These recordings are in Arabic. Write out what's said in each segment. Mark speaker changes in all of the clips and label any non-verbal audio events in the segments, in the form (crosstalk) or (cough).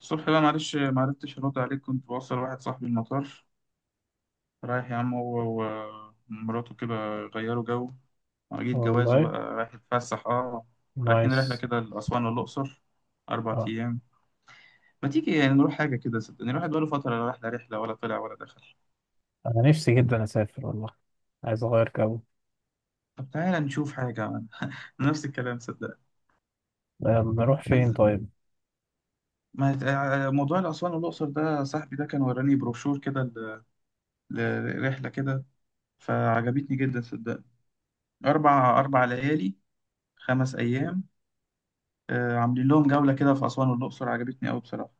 Speaker 1: الصبح بقى، معلش معرفتش ارد عليك، كنت بوصل واحد صاحبي المطار. رايح يا عم، هو ومراته كده، غيروا جو. جيت جوازه
Speaker 2: والله.
Speaker 1: بقى، رايح يتفسح. اه رايحين
Speaker 2: نايس.
Speaker 1: رحلة كده لأسوان والأقصر، أربع
Speaker 2: اه
Speaker 1: أيام ما تيجي يعني نروح حاجة كده؟ صدقني الواحد بقاله فترة، لا راح، لا رحلة ولا طلع ولا دخل.
Speaker 2: انا نفسي جدا اسافر والله. عايز اغير جو.
Speaker 1: طب تعالى نشوف حاجة عمل. نفس الكلام، صدق.
Speaker 2: نروح فين
Speaker 1: عايز.
Speaker 2: طيب؟
Speaker 1: ما. موضوع الأسوان والأقصر ده، صاحبي ده كان وراني بروشور كده لرحلة كده، فعجبتني جدا صدقني. أربع ليالي، 5 أيام. عاملين لهم جولة كده في أسوان والأقصر، عجبتني أوي بصراحة.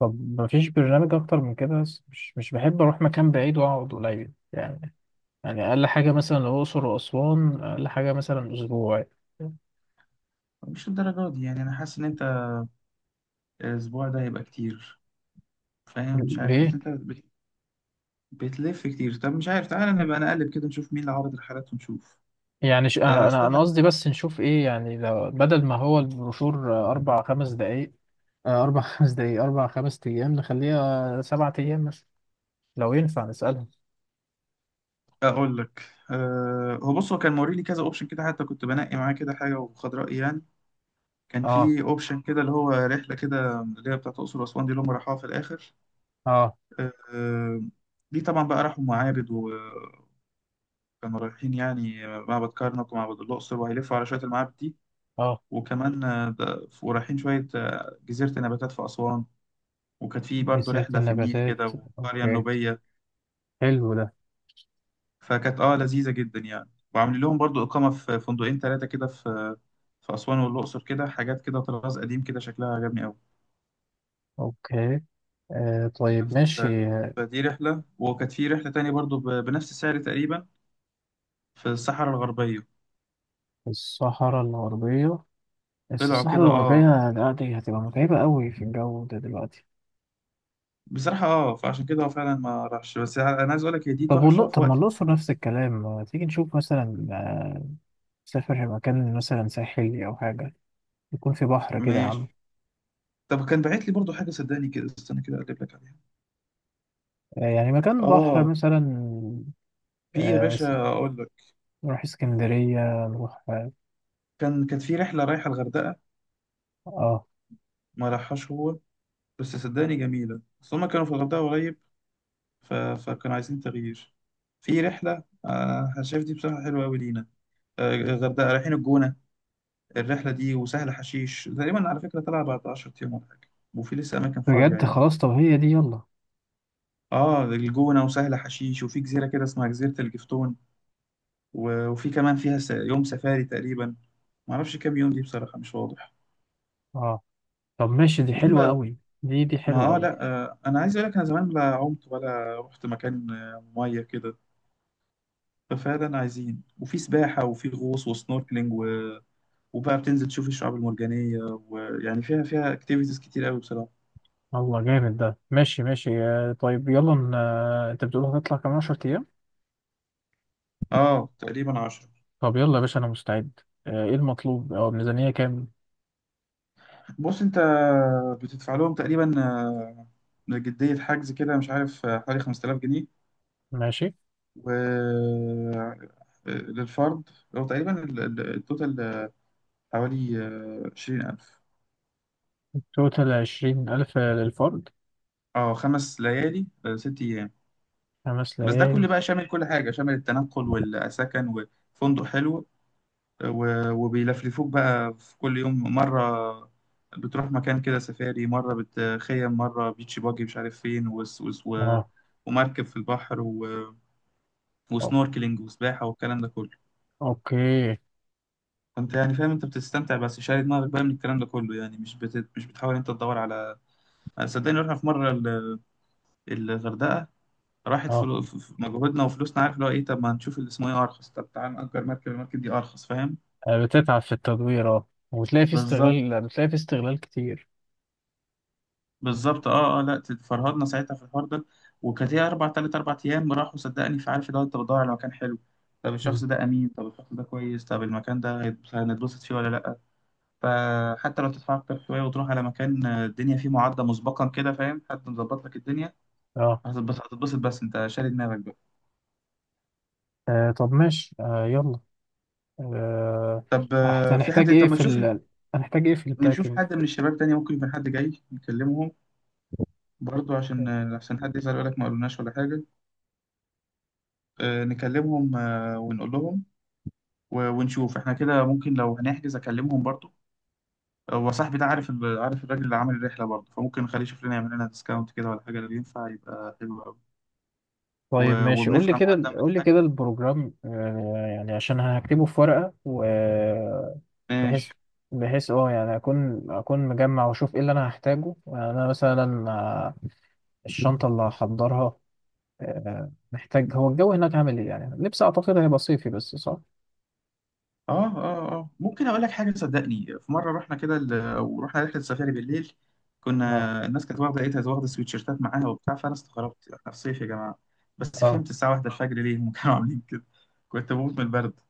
Speaker 2: طب مفيش برنامج اكتر من كده، بس مش بحب اروح مكان بعيد واقعد قليل يعني. يعني اقل حاجه مثلا الاقصر واسوان، اقل حاجه مثلا اسبوع.
Speaker 1: مش الدرجات دي يعني، أنا حاسس إن أنت الأسبوع ده هيبقى كتير، فاهم؟ مش عارف، أصل
Speaker 2: ليه؟
Speaker 1: أنت بتلف كتير. طب مش عارف، تعالى نبقى نقلب كده نشوف مين اللي عرض الرحلات ونشوف.
Speaker 2: يعني انا
Speaker 1: استنى
Speaker 2: قصدي بس نشوف ايه يعني، لو بدل ما هو البروشور، اربع خمس دقايق. اربع (laughs) خمس دقايق، اربع خمس ايام، نخليها 7 ايام مثلا. لو ينفع نسالهم.
Speaker 1: أقول لك. هو بص، هو كان موريلي كذا أوبشن كده، حتى كنت بنقي معاه كده حاجة وخد رأيي يعني. كان
Speaker 2: اه،
Speaker 1: في أوبشن كده اللي هو رحلة كده اللي هي بتاعت الأقصر وأسوان دي، اللي هم راحوها في الآخر.
Speaker 2: اه،
Speaker 1: آه، آه، دي طبعا بقى راحوا معابد كانوا رايحين يعني معبد كرنك ومعبد الأقصر، وهيلفوا على شوية المعابد دي.
Speaker 2: اه،
Speaker 1: وكمان ورايحين شوية جزيرة النباتات في أسوان. وكانت في برضه
Speaker 2: جزيرة
Speaker 1: رحلة في النيل كده،
Speaker 2: النباتات.
Speaker 1: والقرية
Speaker 2: أوكي.
Speaker 1: النوبية.
Speaker 2: حلو ده.
Speaker 1: فكانت اه لذيذة جدا يعني. وعاملين لهم برضه إقامة في فندقين ثلاثة كده، في في أسوان والأقصر، كده حاجات كده طراز قديم، كده شكلها عجبني أوي.
Speaker 2: أوكي. آه. طيب،
Speaker 1: بس
Speaker 2: ماشي.
Speaker 1: فدي رحلة. وكانت في رحلة تانية برضه بنفس السعر تقريبا، في الصحراء الغربية.
Speaker 2: الصحراء الغربية. بس
Speaker 1: طلعوا
Speaker 2: الصحراء
Speaker 1: كده اه،
Speaker 2: الغربية، لا، دي هتبقى متعبة قوي في الجو ده دلوقتي.
Speaker 1: بصراحة اه، فعشان كده هو فعلا ما راحش. بس انا عايز اقول لك هي دي
Speaker 2: طب
Speaker 1: تحفة
Speaker 2: والله،
Speaker 1: في
Speaker 2: طب ما
Speaker 1: وقت
Speaker 2: الأقصر
Speaker 1: تاني.
Speaker 2: نفس الكلام، ما تيجي نشوف مثلا؟ سافر مكان مثلا ساحلي أو حاجة، يكون في بحر كده يا عم.
Speaker 1: ماشي. طب كان باعت لي برضو حاجة، صدقني كده استنى كده اقلب لك عليها.
Speaker 2: آه، يعني مكان بحر
Speaker 1: اه
Speaker 2: مثلا.
Speaker 1: في يا
Speaker 2: آه س-
Speaker 1: باشا، اقول لك.
Speaker 2: نروح اسكندرية، نروح.
Speaker 1: كان، كانت في رحلة رايحة الغردقة،
Speaker 2: آه،
Speaker 1: ما راحهاش هو، بس صدقني جميلة. بس هما كانوا في الغردقة قريب، فكانوا عايزين تغيير. في رحلة، آه أنا شايف دي بصراحة حلوة أوي لينا. الغردقة، رايحين الجونة، الرحلة دي وسهل حشيش تقريبا، على فكرة طلع بعد 10 أيام ولا حاجة، وفي لسه أماكن فاضية
Speaker 2: بجد،
Speaker 1: يعني.
Speaker 2: خلاص، طب هي دي، يلا.
Speaker 1: اه الجونة وسهل حشيش، وفي جزيرة كده اسمها جزيرة الجفتون، وفي كمان فيها يوم سفاري تقريبا، معرفش كام يوم، دي بصراحة مش واضح.
Speaker 2: اه، طب، ماشي، دي
Speaker 1: وفي
Speaker 2: حلوة
Speaker 1: بقى.
Speaker 2: قوي. دي حلوة
Speaker 1: ما اه
Speaker 2: قوي.
Speaker 1: لا آه انا عايز اقول لك، انا زمان لا عمت ولا رحت مكان مية كده. ففعلا عايزين. وفي سباحة وفي غوص وسنوركلينج، و... وبقى بتنزل تشوف الشعاب المرجانية. ويعني فيها، فيها اكتيفيتيز كتير قوي بصراحة.
Speaker 2: الله، جامد ده، ماشي، ماشي. طيب، يلا انت بتقول هتطلع كمان 10 ايام؟
Speaker 1: اه تقريبا 10.
Speaker 2: طب يلا يا باشا، انا مستعد. ايه المطلوب او الميزانية كام؟
Speaker 1: بص انت بتدفع لهم تقريبا جدية حجز كده، مش عارف، حوالي 5000 جنيه،
Speaker 2: ماشي.
Speaker 1: و للفرد. هو تقريبا التوتال حوالي 20000.
Speaker 2: توتال 20000 للفرد؟
Speaker 1: اه، 5 ليالي 6 أيام.
Speaker 2: خمس
Speaker 1: بس ده
Speaker 2: ليالي
Speaker 1: كل بقى شامل، كل حاجة شامل التنقل والسكن وفندق حلو. وبيلفلفوك بقى في كل يوم مرة. بتروح مكان كده سفاري، مرة بتخيم، مرة بيتش باجي مش عارف فين، وس وس و...
Speaker 2: اه.
Speaker 1: ومركب في البحر و...
Speaker 2: أو-
Speaker 1: وسنوركلينج وسباحة والكلام ده كله.
Speaker 2: اوكي.
Speaker 1: انت يعني فاهم، انت بتستمتع بس شاري دماغك بقى من الكلام ده كله، يعني مش بت... مش بتحاول انت تدور على. أنا صدقني رحنا في مره الغردقه، راحت
Speaker 2: اه.
Speaker 1: في في مجهودنا وفلوسنا، عارف اللي هو ايه؟ طب ما نشوف اللي اسمه ايه ارخص، طب تعال نأجر مركب، المركب دي ارخص، فاهم؟
Speaker 2: بتتعب في التدوير، اه، وبتلاقي في
Speaker 1: بالظبط،
Speaker 2: استغلال بتلاقي في استغلال كتير.
Speaker 1: بالظبط اه اه. لا فرهدنا ساعتها في الحوار ده. وكانت هي اربع، تلات اربع ايام راحوا، صدقني. فعارف اللي هو انت بتدور على مكان حلو، طب
Speaker 2: مم.
Speaker 1: الشخص ده امين، طب الشخص ده كويس، طب المكان ده هنتبسط فيه ولا لا. فحتى لو تدفع أكتر شوية وتروح على مكان الدنيا فيه معدة مسبقا كده، فاهم؟ حد مظبط لك الدنيا،
Speaker 2: اه.
Speaker 1: هتتبسط هتتبسط، بس أنت شاري دماغك بقى.
Speaker 2: طب ماشي. يلا. آه،
Speaker 1: طب
Speaker 2: هحت-
Speaker 1: في
Speaker 2: هنحتاج
Speaker 1: حد،
Speaker 2: ايه
Speaker 1: طب ما
Speaker 2: في
Speaker 1: تشوف
Speaker 2: ال... هنحتاج ايه في
Speaker 1: نشوف
Speaker 2: الباكينج؟
Speaker 1: حد من الشباب تاني، ممكن يكون حد جاي نكلمهم برضو، عشان عشان حد يزعل يقول لك ما قالوناش ولا حاجة. نكلمهم ونقول لهم. ونشوف احنا كده ممكن، لو هنحجز أكلمهم برضو. هو صاحبي ده عارف عارف الراجل اللي عامل الرحلة برضه، فممكن نخليه يشوف لنا يعمل لنا ديسكاونت كده ولا حاجة، لو ينفع يبقى حلو قوي.
Speaker 2: طيب،
Speaker 1: و...
Speaker 2: ماشي،
Speaker 1: وبندفع مقدم
Speaker 2: قول لي
Speaker 1: الحاجة.
Speaker 2: كده البروجرام، يعني عشان هكتبه في ورقة. و بحيث
Speaker 1: ماشي.
Speaker 2: بحيث يعني اكون مجمع، واشوف ايه اللي انا هحتاجه يعني. انا مثلا الشنطة اللي هحضرها. محتاج، هو الجو هناك عامل ايه يعني؟ لبس، اعتقد هيبقى صيفي بس، صح؟
Speaker 1: اه اه اه ممكن اقول لك حاجه. صدقني في مره رحنا كده، ورحنا رحله سفاري بالليل.
Speaker 2: اه،
Speaker 1: كنا، الناس كانت واخده، لقيتها واخده سويتشيرتات معاها وبتاع، فانا استغربت احنا في صيف يا جماعه. بس
Speaker 2: اه.
Speaker 1: فهمت الساعه واحدة الفجر ليه هم (laughs) كانوا عاملين كده، كنت بموت من البرد.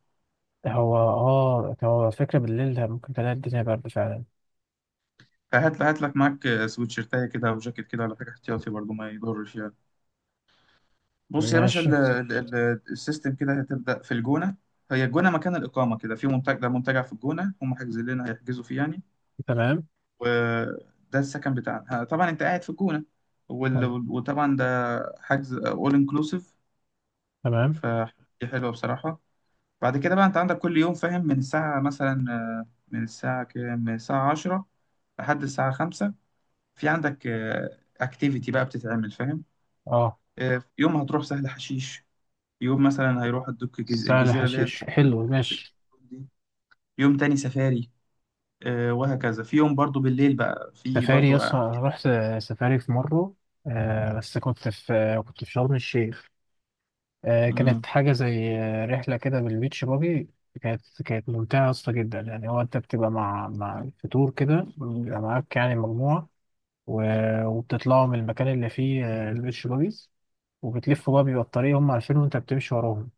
Speaker 2: هو فكرة بالليل ده ممكن تلاقي الدنيا برد فعلا.
Speaker 1: فهات، هات لك معاك سويتشيرتايه كده او جاكيت كده ولا حاجه احتياطي، برضو ما يضرش يعني. بص يا باشا،
Speaker 2: ماشي.
Speaker 1: السيستم كده، هتبدا في الجونه. هي الجونه مكان الاقامه كده في منتجع، ده منتجع في الجونه، هم حاجزين لنا، هيحجزوا فيه يعني.
Speaker 2: تمام،
Speaker 1: وده السكن بتاعنا، طبعا انت قاعد في الجونة. وطبعا ده حجز اول انكلوسيف،
Speaker 2: تمام.
Speaker 1: فدي حلوة بصراحة. بعد كده بقى انت عندك كل يوم، فاهم؟ من الساعة مثلا، من الساعة كام، من الساعة 10 لحد الساعة 5، في عندك اكتيفيتي بقى بتتعمل، فاهم؟
Speaker 2: اه.
Speaker 1: يوم هتروح سهل حشيش، يوم مثلا هيروح الدك،
Speaker 2: سهل
Speaker 1: الجزيرة اللي هي اللي
Speaker 2: حشيش
Speaker 1: اسمها
Speaker 2: حلو، ماشي.
Speaker 1: دي. يوم تاني سفاري وهكذا. في يوم برضو بالليل بقى، في
Speaker 2: سفاري،
Speaker 1: برضو
Speaker 2: يس، أنا رحت سفاري في مرة. بس كنت في شرم الشيخ.
Speaker 1: امم
Speaker 2: كانت حاجة زي رحلة كده، بالبيتش باجي. كانت ممتعة يا اسطى جدا يعني. هو أنت بتبقى مع في تور كده، بيبقى معاك يعني مجموعة. وبتطلعوا من المكان اللي فيه البيتش باجيز. وبتلفوا بقى، بيبقى الطريق هم عارفينه وأنت بتمشي وراهم.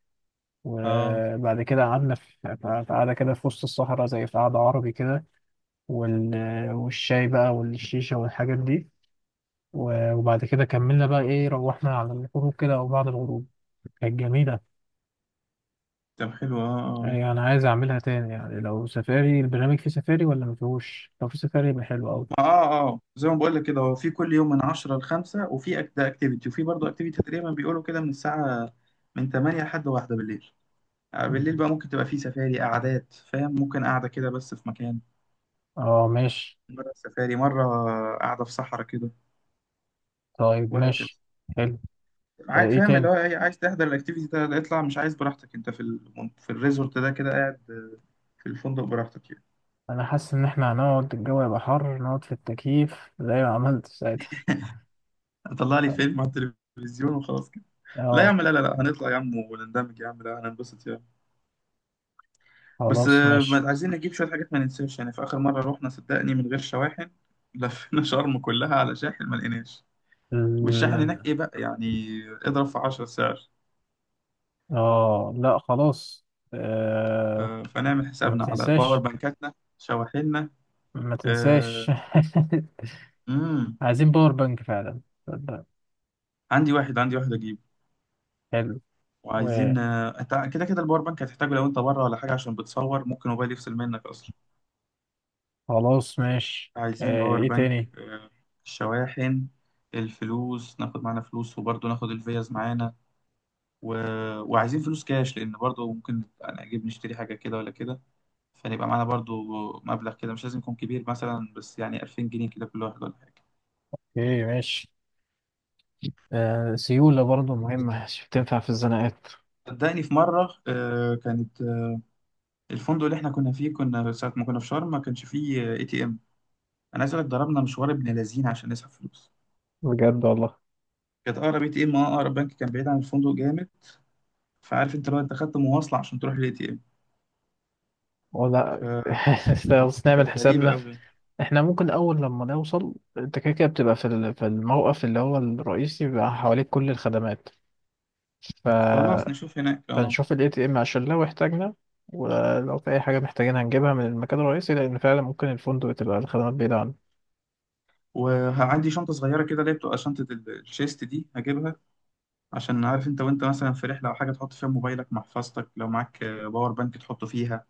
Speaker 1: اه.
Speaker 2: وبعد كده قعدنا في قعدة كده في وسط الصحراء، زي في قعدة عربي كده. والشاي بقى والشيشة والحاجات دي. وبعد كده كملنا بقى ايه، روحنا على الغروب كده او بعد الغروب. كانت جميله.
Speaker 1: طب حلو اه اه.
Speaker 2: يعني انا عايز اعملها تاني يعني، لو سفاري. البرنامج فيه سفاري ولا ما فيهوش؟ لو فيه سفاري يبقى حلو قوي.
Speaker 1: زي ما بقول لك كده، هو في كل يوم من 10 ل 5، وفي ده اكتيفيتي. وفي برضه اكتيفيتي تقريبا بيقولوا كده من الساعة، من 8 لحد 1 بالليل. بالليل بقى ممكن تبقى في سفاري قعدات، فاهم؟ ممكن قاعدة كده بس في مكان،
Speaker 2: اه، ماشي.
Speaker 1: مرة سفاري، مرة قاعدة في صحراء كده،
Speaker 2: طيب،
Speaker 1: وهكذا.
Speaker 2: ماشي. حلو. ايه
Speaker 1: فاهم اللي
Speaker 2: تاني؟
Speaker 1: هو إيه، عايز تحضر الاكتيفيتي ده اطلع، مش عايز براحتك انت في الريزورت ده كده قاعد. في الفندق براحتك يعني،
Speaker 2: انا حاسس ان احنا هنقعد الجو يبقى حر، نقعد في التكييف زي ما عملت ساعتها.
Speaker 1: اطلع لي فيلم على التلفزيون وخلاص كده. لا يا
Speaker 2: اه،
Speaker 1: عم، لا لا لا، هنطلع يا عم، ونندمج يا عم، لا هننبسط يا عم. بس
Speaker 2: خلاص، ماشي.
Speaker 1: عايزين نجيب شوية حاجات ما ننساش. يعني في آخر مرة روحنا صدقني من غير شواحن، لفينا (laughs) شرم كلها على شاحن ما لقيناش. والشاحن
Speaker 2: ال-
Speaker 1: هناك إيه بقى يعني، اضرب في 10 سعر.
Speaker 2: اه، لا، خلاص. آه
Speaker 1: فنعمل
Speaker 2: ما
Speaker 1: حسابنا على باور
Speaker 2: تنساش،
Speaker 1: بانكاتنا، شواحننا.
Speaker 2: ما تنساش.
Speaker 1: آه،
Speaker 2: (laughs)
Speaker 1: امم
Speaker 2: عايزين باور بانك فعلا، تصدق.
Speaker 1: عندي واحد أجيبه.
Speaker 2: حلو. وخلاص،
Speaker 1: وعايزين أنت كده كده الباور بانك هتحتاجه، لو أنت بره ولا حاجة، عشان بتصور ممكن موبايل يفصل منك أصلا.
Speaker 2: ماشي.
Speaker 1: عايزين باور
Speaker 2: ايه
Speaker 1: بانك،
Speaker 2: تاني؟
Speaker 1: الشواحن، الفلوس، ناخد معانا فلوس، وبرضه ناخد الفيز معانا. و... وعايزين فلوس كاش، لأن برضه ممكن أنا أجيب نشتري حاجة كده ولا كده، فنبقى معانا برضه مبلغ كده مش لازم يكون كبير مثلا، بس يعني 2000 جنيه كده كل واحد ولا حاجة.
Speaker 2: ايه، ماشي. سيولة برضه مهمة، شوف تنفع في الزناقات.
Speaker 1: صدقني في مرة آه، كانت آه، الفندق اللي احنا كنا فيه، كنا ساعة ما كنا في شرم، ما كانش فيه اي تي ام. أنا عايز أقول لك، ضربنا مشوار ابن لذين عشان نسحب فلوس.
Speaker 2: بجد والله.
Speaker 1: كانت أقرب اي تي ام، اه أقرب بنك، كان بعيد عن الفندق جامد. فعارف انت لو انت خدت مواصلة عشان تروح للاي تي ام.
Speaker 2: ولا
Speaker 1: فكانت
Speaker 2: (laughs) بس نعمل
Speaker 1: غريبة
Speaker 2: حسابنا.
Speaker 1: أوي.
Speaker 2: احنا ممكن اول لما نوصل، انت كده كده بتبقى في في الموقف اللي هو الرئيسي، بيبقى حواليك كل الخدمات.
Speaker 1: خلاص
Speaker 2: ف...
Speaker 1: نشوف هناك اه.
Speaker 2: فنشوف الاي تي ام عشان لو احتاجنا، ولو في اي حاجة محتاجين هنجيبها من المكان الرئيسي، لان فعلا ممكن الفندق تبقى الخدمات بعيدة عنه.
Speaker 1: وعندي شنطة صغيرة كده اللي هي بتبقى شنطة الشيست دي، هجيبها. عشان عارف انت، وانت مثلا في رحلة أو حاجة، تحط فيها موبايلك، محفظتك، لو معاك باور بانك تحطه فيها،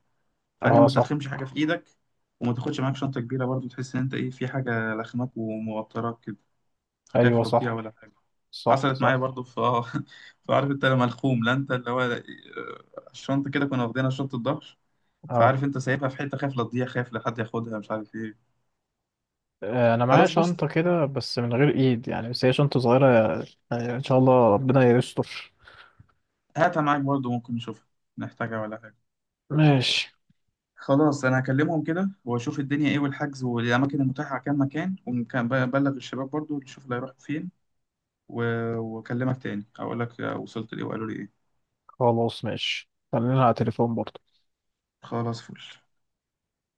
Speaker 1: فاهم؟
Speaker 2: اه،
Speaker 1: ما
Speaker 2: صح.
Speaker 1: تلخمش حاجة في إيدك. وما تاخدش معاك شنطة كبيرة برضو، تحس إن أنت إيه، في حاجة لخماك وموتراك كده،
Speaker 2: ايوه،
Speaker 1: خايف لا تضيع
Speaker 2: صح،
Speaker 1: ولا حاجة.
Speaker 2: صح،
Speaker 1: حصلت معايا
Speaker 2: صح.
Speaker 1: برضو في اه (laughs) فعارف انت لما الخوم، لا انت اللي هو الشنطة كده، كنا واخدينها شنطة ظهر.
Speaker 2: اه،
Speaker 1: فعارف انت سايبها في حتة، خايف لا تضيع، خايف لا حد ياخدها، مش عارف ايه.
Speaker 2: انا معايا
Speaker 1: خلاص بص،
Speaker 2: شنطه كده، بس من غير ايد يعني، بس هي شنطه صغيره. يعني ان شاء الله ربنا يستر.
Speaker 1: هاتها معاك برضه، ممكن نشوفها نحتاجها ولا حاجة.
Speaker 2: ماشي.
Speaker 1: خلاص أنا هكلمهم كده، وأشوف الدنيا إيه، والحجز والأماكن المتاحة على كام مكان، وبلغ الشباب برضه نشوف اللي هيروحوا فين. وأكلمك تاني أقول لك وصلت لإيه وقالوا لي إيه.
Speaker 2: خلاص، ماشي. خلينا على التليفون برضه.
Speaker 1: خلاص، فل